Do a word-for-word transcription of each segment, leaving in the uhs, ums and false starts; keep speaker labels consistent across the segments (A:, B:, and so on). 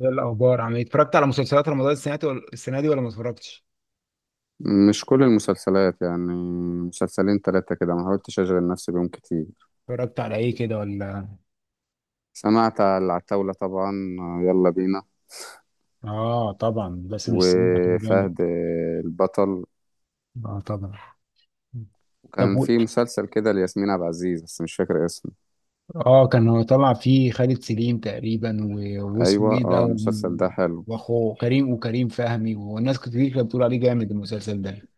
A: ايه الاخبار؟ عم اتفرجت على مسلسلات رمضان السنه دي؟ ولا السنه دي ولا ما اتفرجتش؟
B: مش كل المسلسلات يعني. مسلسلين تلاتة كده، ما حاولتش أشغل نفسي بيهم كتير.
A: اتفرجت على ايه كده؟ ولا
B: سمعت على العتاولة طبعا، آه، يلا بينا.
A: اه طبعا، باسم السمرة ده كان جامد.
B: وفهد آه، البطل.
A: اه طبعا. طب
B: وكان
A: و...
B: في مسلسل كده لياسمين عبد العزيز بس مش فاكر اسمه.
A: اه، كان هو طلع فيه خالد سليم تقريبا، و... واسمه
B: أيوة،
A: ايه ده؟
B: اه
A: و...
B: المسلسل ده حلو.
A: واخوه كريم، وكريم فهمي، والناس كتير كانت بتقول عليه جامد المسلسل ده.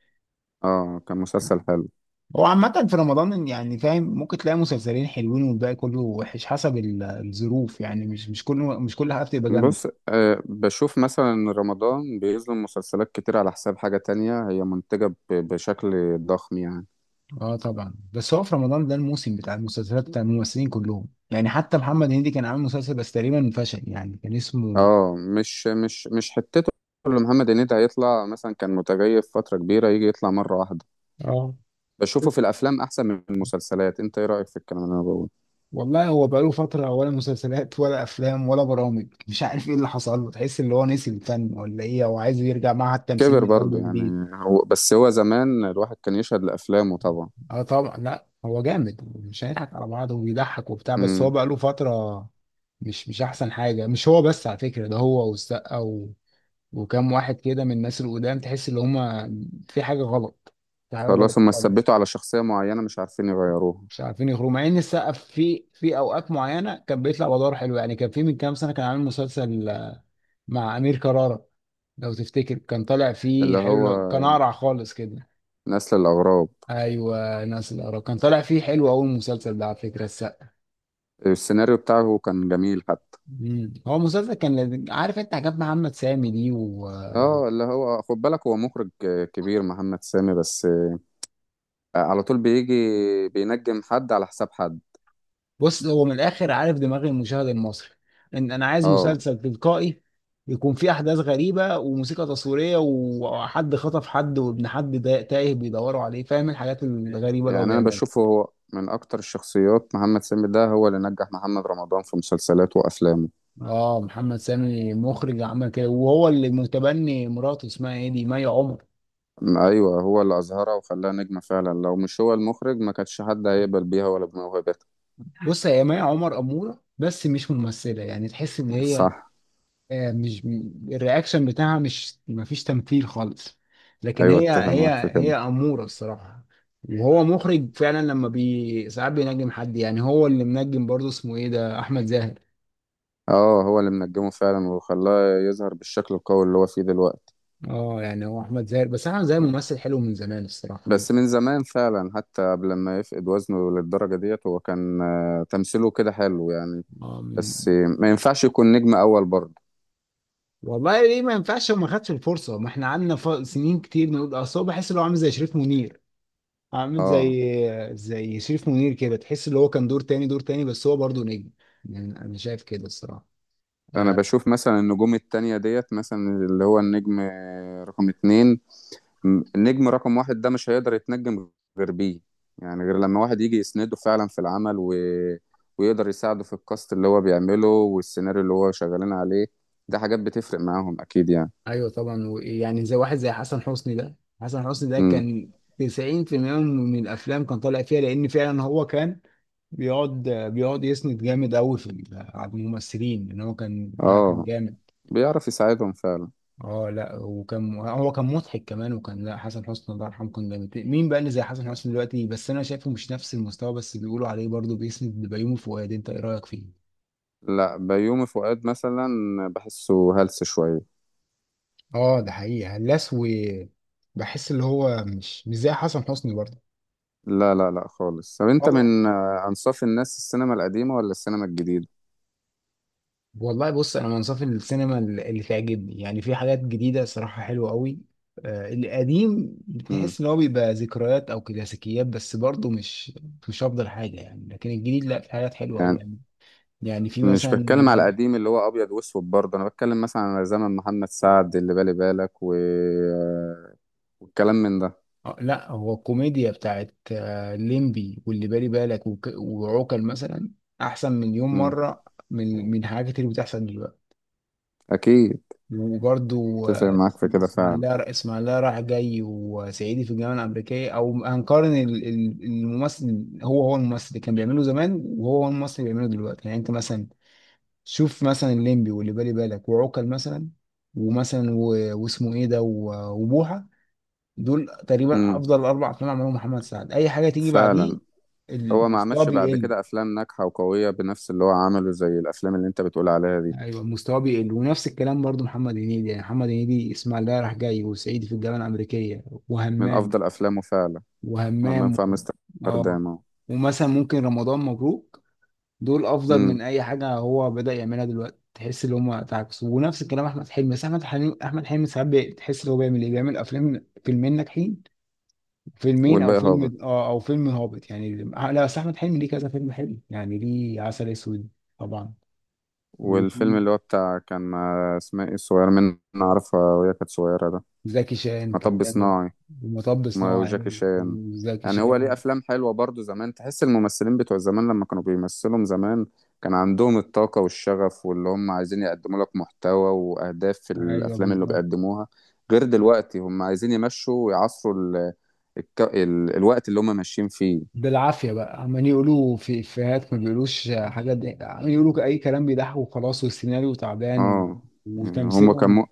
B: اه، كان مسلسل حلو.
A: هو عامة في رمضان، يعني فاهم، ممكن تلاقي مسلسلين حلوين والباقي كله وحش حسب ال- الظروف، يعني مش مش كله، مش كل حاجة بتبقى جامدة.
B: بص، آه بشوف مثلا إن رمضان بيظلم مسلسلات كتير على حساب حاجة تانية هي منتجة ب- بشكل ضخم يعني.
A: اه طبعا، بس هو في رمضان ده الموسم بتاع المسلسلات، بتاع الممثلين كلهم، يعني حتى محمد هنيدي كان عامل مسلسل بس تقريبا فشل، يعني كان اسمه
B: اه، مش مش مش حتته. اللي محمد هنيدي هيطلع مثلا كان متغيب فترة كبيرة، يجي يطلع مرة واحدة.
A: اه.
B: بشوفه في الأفلام أحسن من المسلسلات. أنت إيه رأيك في الكلام اللي أنا بقوله؟
A: والله هو بقاله فترة ولا مسلسلات ولا أفلام ولا برامج، مش عارف إيه اللي حصل له، تحس اللي هو نسي الفن ولا إيه، هو عايز يرجع معهد التمثيل
B: كبر
A: من أول
B: برضه
A: وجديد.
B: يعني. هو بس هو زمان الواحد كان يشهد لأفلامه طبعا.
A: اه طبعا، لا هو جامد مش هنضحك على بعض، وبيضحك وبتاع، بس هو
B: امم.
A: بقى له فترة مش مش احسن حاجة. مش هو بس على فكرة، ده هو والسقا و... وكام واحد كده من الناس القدام، تحس ان هما في حاجة غلط، في حاجة غلط
B: خلاص، هما
A: خالص.
B: ثبتوا على شخصية معينة مش عارفين يغيروها.
A: مش عارفين يخرجوا، مع ان السقا في في اوقات معينة كان بيطلع بأدوار حلوة، يعني كان في من كام سنة كان عامل مسلسل آه، مع أمير كرارة. لو تفتكر كان طالع فيه
B: اللي هو
A: حلو، كان أقرع خالص كده.
B: نسل الأغراب.
A: ايوه، ناس الأقرع، كان طالع فيه حلو أوي المسلسل ده على فكرة السقا.
B: السيناريو بتاعه كان جميل حتى.
A: مم. هو المسلسل كان لذيذ. عارف انت حاجات محمد سامي دي و... و-
B: اه، اللي هو خد بالك، هو مخرج كبير محمد سامي، بس على طول بيجي بينجم حد على حساب حد.
A: بص هو من الاخر عارف دماغ المشاهد المصري، ان انا عايز
B: اه
A: مسلسل تلقائي يكون فيه احداث غريبه، وموسيقى تصويريه، وحد خطف حد، وابن حد دا- تايه بيدوروا عليه، فاهم الحاجات الغريبه اللي هو
B: يعني، انا
A: بيعملها.
B: بشوفه هو من اكتر الشخصيات. محمد سامي ده هو اللي نجح محمد رمضان في مسلسلاته وافلامه.
A: اه، محمد سامي مخرج عمل كده، وهو اللي متبني مراته اسمها ايه دي، مي عمر.
B: م- ايوه، هو اللي اظهرها وخلاها نجمة فعلا. لو مش هو المخرج ما كانش حد هيقبل بيها ولا بموهبته.
A: بص هي مي عمر اموره بس مش ممثله، يعني تحس ان هي
B: صح.
A: آه، مش الرياكشن بتاعها مش، مفيش تمثيل خالص، لكن
B: ايوه،
A: هي
B: اتفق
A: هي
B: معاك في كده.
A: هي أمورة الصراحة. وهو مخرج فعلا، لما بي ساعات بينجم حد، يعني هو اللي منجم برضه اسمه ايه ده، احمد زاهر.
B: اه، هو اللي منجمه فعلا وخلاه يظهر بالشكل القوي اللي هو فيه دلوقتي.
A: اه يعني هو احمد زاهر، بس احمد زاهر ممثل حلو من زمان الصراحة، من
B: بس من زمان فعلا، حتى قبل ما يفقد وزنه للدرجة ديت هو كان آه، تمثيله كده حلو يعني.
A: اه، من
B: بس ما ينفعش يكون نجم اول برضه.
A: والله ليه ما ينفعش؟ ما خدش الفرصة، ما احنا قعدنا ف- سنين كتير نقول، اصل هو بحس ان هو عامل زي شريف منير، عامل زي
B: اه،
A: زي شريف منير كده، تحس ان هو كان دور تاني، دور تاني، بس هو برضه نجم، يعني انا شايف كده الصراحة.
B: انا
A: آه.
B: بشوف مثلا النجوم التانية ديت. مثلا اللي هو النجم رقم اتنين، م- النجم رقم واحد ده مش هيقدر يتنجم غير بيه. يعني غير لما واحد يجي يسنده فعلا في العمل، و... ويقدر يساعده في الكاست اللي هو بيعمله والسيناريو اللي هو شغالين عليه. ده حاجات بتفرق معاهم اكيد يعني.
A: ايوه طبعا، ويعني زي واحد زي حسن حسني ده، حسن حسني ده
B: امم.
A: كان تسعين بالمية من الافلام كان طالع فيها، لان فعلا هو كان بيقعد بيقعد يسند جامد قوي في ال- على الممثلين، ان هو كان لا كان
B: اه،
A: جامد.
B: بيعرف يساعدهم فعلا.
A: اه لا، وكان هو كان مضحك كمان، وكان لا حسن حسني الله يرحمه كان جامد. مين بقى اللي زي حسن حسني دلوقتي؟ بس انا شايفه مش نفس المستوى، بس بيقولوا عليه برضه بيسند لبيومي فؤاد، انت ايه رايك فيه؟
B: لا، بيومي فؤاد مثلا بحسه هلس شوية.
A: اه ده حقيقي هلاس، و بحس اللي هو مش مش زي حسن حسني
B: لا لا لا خالص. طب، انت
A: برضه.
B: من آه، انصاف الناس، السينما القديمة ولا السينما الجديدة؟
A: والله بص، انا من صف السينما اللي، اللي تعجبني، يعني في حاجات جديده صراحه حلوه قوي. آه، القديم
B: امم.
A: بتحس ان هو بيبقى ذكريات او كلاسيكيات، بس برضه مش مش افضل حاجه يعني، لكن الجديد لا في حاجات حلوه قوي
B: يعني
A: يعني. يعني في
B: مش بتكلم على
A: مثلا
B: القديم اللي هو ابيض واسود برضه. انا بتكلم مثلا على زمن محمد سعد اللي بالي بالك، و... والكلام من ده.
A: آه، لا هو الكوميديا بتاعت آه، ليمبي واللي بالي بالك وك- وعوكل مثلا، احسن مليون
B: امم.
A: مره من، من حاجات كتير بتحصل دلوقتي.
B: اكيد.
A: وبرضو
B: اتفق
A: آه،
B: معاك في كده فعلا.
A: اسماعيليه، اسماعيليه رايح جاي، وصعيدي في الجامعه الامريكيه، او هنقارن ال- ال- الممثل هو، هو الممثل اللي كان بيعمله زمان، وهو هو الممثل اللي بيعمله دلوقتي، يعني انت مثلا، شوف مثلا الليمبي واللي بالي بالك وعوكل مثلا، ومثلا و- واسمه ايه ده، و- وبوحه، دول تقريبا
B: امم.
A: افضل اربع افلام عملهم محمد سعد، اي حاجه تيجي بعديه
B: فعلا. هو ما
A: المستوى
B: عملش بعد
A: بيقل.
B: كده افلام ناجحه وقويه بنفس اللي هو عمله زي الافلام اللي انت بتقول عليها دي.
A: ايوه المستوى بيقل، ونفس الكلام برضو محمد هنيدي، يعني محمد هنيدي اسماعيليه رايح جاي، وصعيدي في الجامعه الامريكيه،
B: من
A: وهمام،
B: افضل افلامه فعلا. همام
A: وهمام و...
B: في
A: اه،
B: امستردام اهو.
A: ومثلا ممكن رمضان مبروك، دول افضل
B: امم.
A: من اي حاجه هو بدأ يعملها دلوقتي، تحس ان هم تعكسوا. ونفس الكلام احمد حلمي، بس احمد حلمي، احمد حلمي ساعات بي- تحس ان هو بيعمل ايه، بيعمل افلام فيلمين ناجحين، فيلمين او
B: والباقي هابط.
A: فيلم اه، او فيلم هابط يعني. آه، لا بس احمد حلمي ليه كذا فيلم حلو، يعني ليه عسل اسود طبعا،
B: والفيلم اللي
A: وليه
B: هو بتاع كان مع اسمها ايه الصغيره من نعرفها وهي كانت صغيره ده.
A: زكي شان كان
B: مطب
A: جامد،
B: صناعي.
A: ومطب
B: ما
A: صناعي،
B: وجاكي شان.
A: وزكي
B: يعني هو ليه
A: شان.
B: افلام حلوه برضو زمان. تحس الممثلين بتوع زمان لما كانوا بيمثلوا زمان كان عندهم الطاقه والشغف، واللي هم عايزين يقدموا لك محتوى واهداف في
A: ايوه
B: الافلام اللي
A: بالظبط.
B: بيقدموها. غير دلوقتي، هم عايزين يمشوا ويعصروا ال... الك... ال... الوقت اللي هم ماشيين فيه.
A: بالعافية بقى، عمالين يقولوا في إفيهات ما بيقولوش حاجة دي، عمالين يقولوا أي كلام، بيضحكوا وخلاص، والسيناريو تعبان، و...
B: اه. يعني هم
A: وتمثيلهم.
B: كان،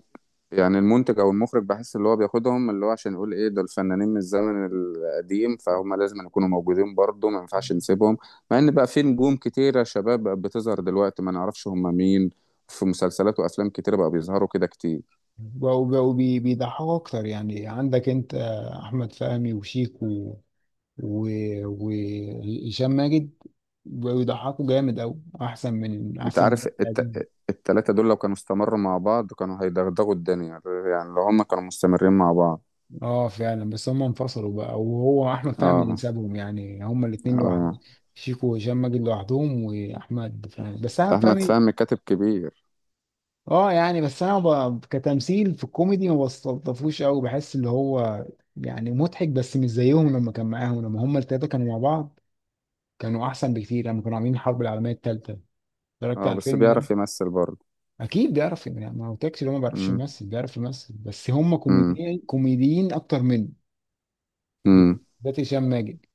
B: يعني المنتج او المخرج بحس اللي هو بياخدهم اللي هو عشان يقول ايه دول فنانين من الزمن القديم، فهم لازم يكونوا موجودين برضه، ما ينفعش نسيبهم. مع ان بقى في نجوم كتيرة شباب بقت بتظهر دلوقتي ما نعرفش هم مين. في مسلسلات وافلام كتيرة بقى بيظهروا كده كتير.
A: بقوا بقوا بي- بيضحكوا أكتر، يعني عندك أنت أحمد فهمي وشيك و... و... وهشام ماجد، بقوا يضحكوا جامد أوي، أحسن من،
B: انت
A: أحسن من
B: عارف،
A: الوقت
B: الت...
A: القديم.
B: التلاتة دول لو كانوا استمروا مع بعض كانوا هيدغدغوا الدنيا. يعني لو هم كانوا مستمرين مع بعض.
A: أه فعلا، بس هم انفصلوا بقى، وهو أحمد فهمي اللي
B: اه.
A: سابهم، يعني هما الاتنين لوحدهم،
B: اه،
A: شيكو وهشام ماجد لوحدهم، وأحمد فهمي، بس أحمد
B: احمد
A: فهمي
B: فهمي كاتب كبير.
A: اه يعني. بس انا ب... كتمثيل في الكوميدي ما بستلطفوش قوي، بحس اللي هو يعني مضحك بس مش زيهم لما كان معاهم، لما هم التلاته كانوا مع بعض كانوا احسن بكتير، لما كانوا عاملين الحرب العالميه التالته، اتفرجت
B: اه،
A: على
B: بس
A: الفيلم ده؟
B: بيعرف يمثل برضه.
A: اكيد بيعرف، يعني ما قلتلكش اللي هو ما بيعرفش
B: امم.
A: يمثل، بيعرف يمثل، بس هم
B: امم.
A: كوميديين كوميديين اكتر منه، بالذات هشام ماجد.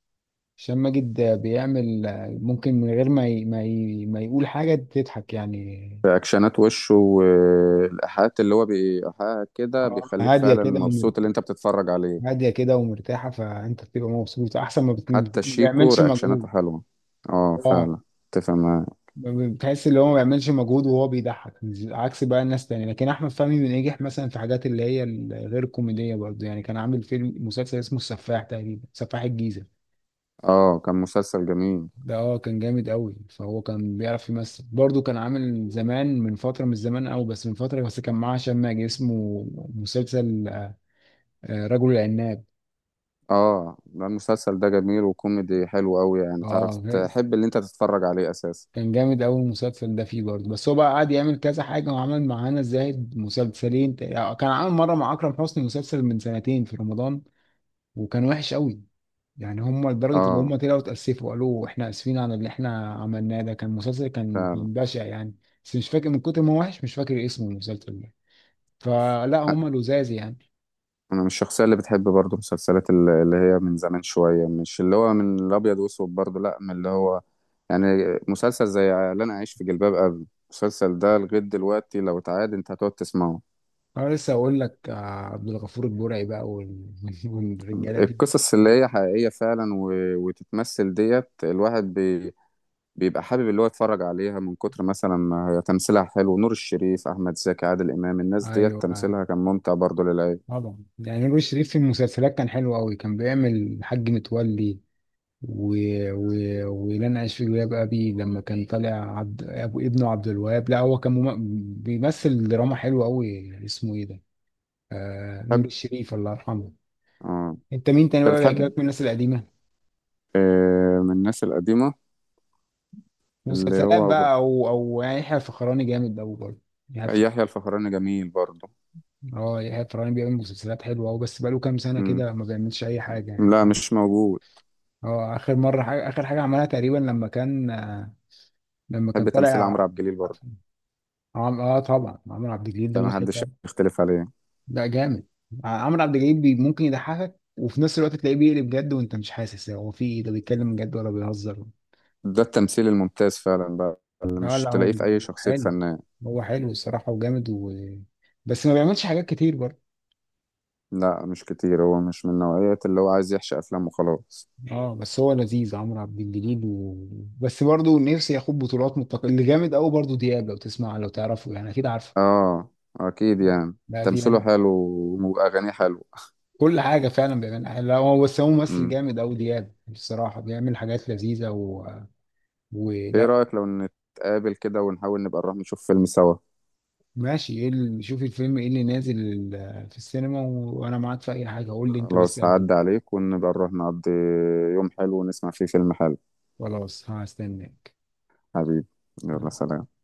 A: هشام ماجد ده بيعمل، ممكن من غير ما ي... ما ي... ما يقول حاجه تضحك يعني.
B: في اكشنات وشه والايحاءات اللي هو بيحقق كده
A: اه
B: بيخليك
A: هاديه
B: فعلا
A: كده،
B: مبسوط اللي انت بتتفرج عليه.
A: هاديه كده ومرتاحه، فانت بتبقى مبسوط، احسن ما بت- ما
B: حتى شيكو
A: بيعملش
B: رياكشناته
A: مجهود.
B: حلوه. اه،
A: اه
B: فعلا. اتفق معاك.
A: ما بتحس اللي هو ما بيعملش مجهود وهو بيضحك، مش- عكس بقى الناس تانية. لكن احمد فهمي بينجح مثلا في حاجات اللي هي الغير كوميديه برضه، يعني كان عامل فيلم مسلسل اسمه السفاح تقريبا، سفاح الجيزه
B: اه، كان مسلسل جميل.
A: ده، اه كان جامد قوي. فهو كان بيعرف يمثل برضه، كان عامل زمان، من فتره، مش زمان قوي بس من فتره، بس كان معاه هشام ماجد، اسمه مسلسل آه، رجل العناب.
B: اه، ده المسلسل ده جميل وكوميدي حلو قوي. يعني تعرف
A: اه
B: تحب اللي انت تتفرج عليه اساسا.
A: كان جامد أوي المسلسل ده فيه برضه، بس هو بقى قعد يعمل كذا حاجة، وعمل مع هنا الزاهد مسلسلين تق- كان عامل مرة مع أكرم حسني مسلسل من سنتين في رمضان، وكان وحش أوي، يعني هم لدرجة اللي
B: اه،
A: هم طلعوا اتأسفوا، قالوا إحنا آسفين على اللي إحنا عملناه ده، كان مسلسل كان،
B: فعلا.
A: كان بشع يعني، بس مش فاكر من كتر ما هو وحش مش فاكر اسمه المسلسل ده، فلا هم لزاز يعني.
B: انا مش الشخصيه اللي بتحب برضو مسلسلات ال- اللي هي من زمان شويه. مش اللي هو من الابيض واسود برضو، لا، من اللي هو يعني مسلسل زي اللي انا عايش في جلباب ابي. المسلسل ده لغايه دلوقتي لو اتعاد انت هتقعد تسمعه.
A: أنا لسه أقول لك آه، عبد الغفور البرعي بقى، وال- والرجالة دي،
B: القصص اللي هي حقيقيه فعلا، و... وتتمثل ديت الواحد بي... بيبقى حابب اللي هو يتفرج عليها من كتر مثلا ما هي تمثيلها حلو. نور الشريف، احمد زكي، عادل امام، الناس ديت
A: أيوه
B: تمثيلها كان ممتع برضو للعين.
A: طبعا. يعني نور الشريف في المسلسلات كان حلو قوي، كان بيعمل حاج متولي و... و... ولن اعيش في جلباب ابي، لما كان طالع عبد... ابو ابنه عبد الوهاب. لا هو كان مم... بيمثل دراما حلوه قوي اسمه ايه ده، آه... نور
B: بتحب.
A: الشريف الله يرحمه.
B: اه.
A: انت مين تاني
B: انت
A: بقى بيعجبك
B: بتحب
A: من الناس القديمه؟
B: آه من الناس القديمه، اللي
A: مسلسلات
B: هو
A: بقى، او او يعني يحيى الفخراني جامد قوي برضه، يحيى الف-
B: يحيى الفخراني جميل برضه.
A: اه يحيى الفخراني بيعمل مسلسلات حلوه قوي، بس بقاله كام سنه
B: مم.
A: كده ما بيعملش اي حاجه يعني.
B: لا مش موجود.
A: اه اخر مره حاجة... اخر حاجه عملها تقريبا لما كان آه، لما كان
B: بحب تمثيل عمرو
A: طالع.
B: عبد الجليل برضه.
A: عم... اه طبعا عمرو عبد الجليل ده
B: ده ما
A: مضحك
B: حدش
A: أوي.
B: يختلف عليه.
A: لا جامد، عمرو عبد الجليل بي... ممكن يضحكك وفي نفس الوقت تلاقيه بيقلب جد، وانت مش حاسس هو في إيه، ده بيتكلم جد ولا بيهزر.
B: ده التمثيل الممتاز فعلا بقى اللي
A: لا
B: مش
A: لا هو
B: تلاقيه في اي شخصية
A: حلو،
B: فنان.
A: هو حلو الصراحة وجامد و... بس ما بيعملش حاجات كتير برضه.
B: لا مش كتير، هو مش من نوعية اللي هو عايز يحشي افلام وخلاص.
A: اه بس هو لذيذ عمرو عبد الجليل و... بس برضه نفسي ياخد بطولات. متقل اللي جامد قوي برضه، دياب، لو تسمع لو تعرفه يعني، اكيد عارفه.
B: اه، اكيد يعني.
A: لا
B: تمثيله
A: دياب
B: حلو واغانيه حلوه.
A: كل حاجة فعلا بيعملها حلو. لا هو بس هو ممثل
B: مم.
A: جامد أوي دياب بصراحة، بيعمل حاجات لذيذة و...
B: ايه
A: ولا
B: رأيك لو نتقابل كده ونحاول نبقى نروح نشوف فيلم سوا؟
A: ماشي. ايه اللي، شوف الفيلم ايه اللي نازل في السينما و... وأنا معاك في أي حاجة، قول لي أنت بس
B: خلاص
A: قبلي.
B: هعدي عليك ونبقى نروح نقضي يوم حلو ونسمع فيه فيلم حلو.
A: خلاص هستناك.
B: حبيبي، يلا سلام.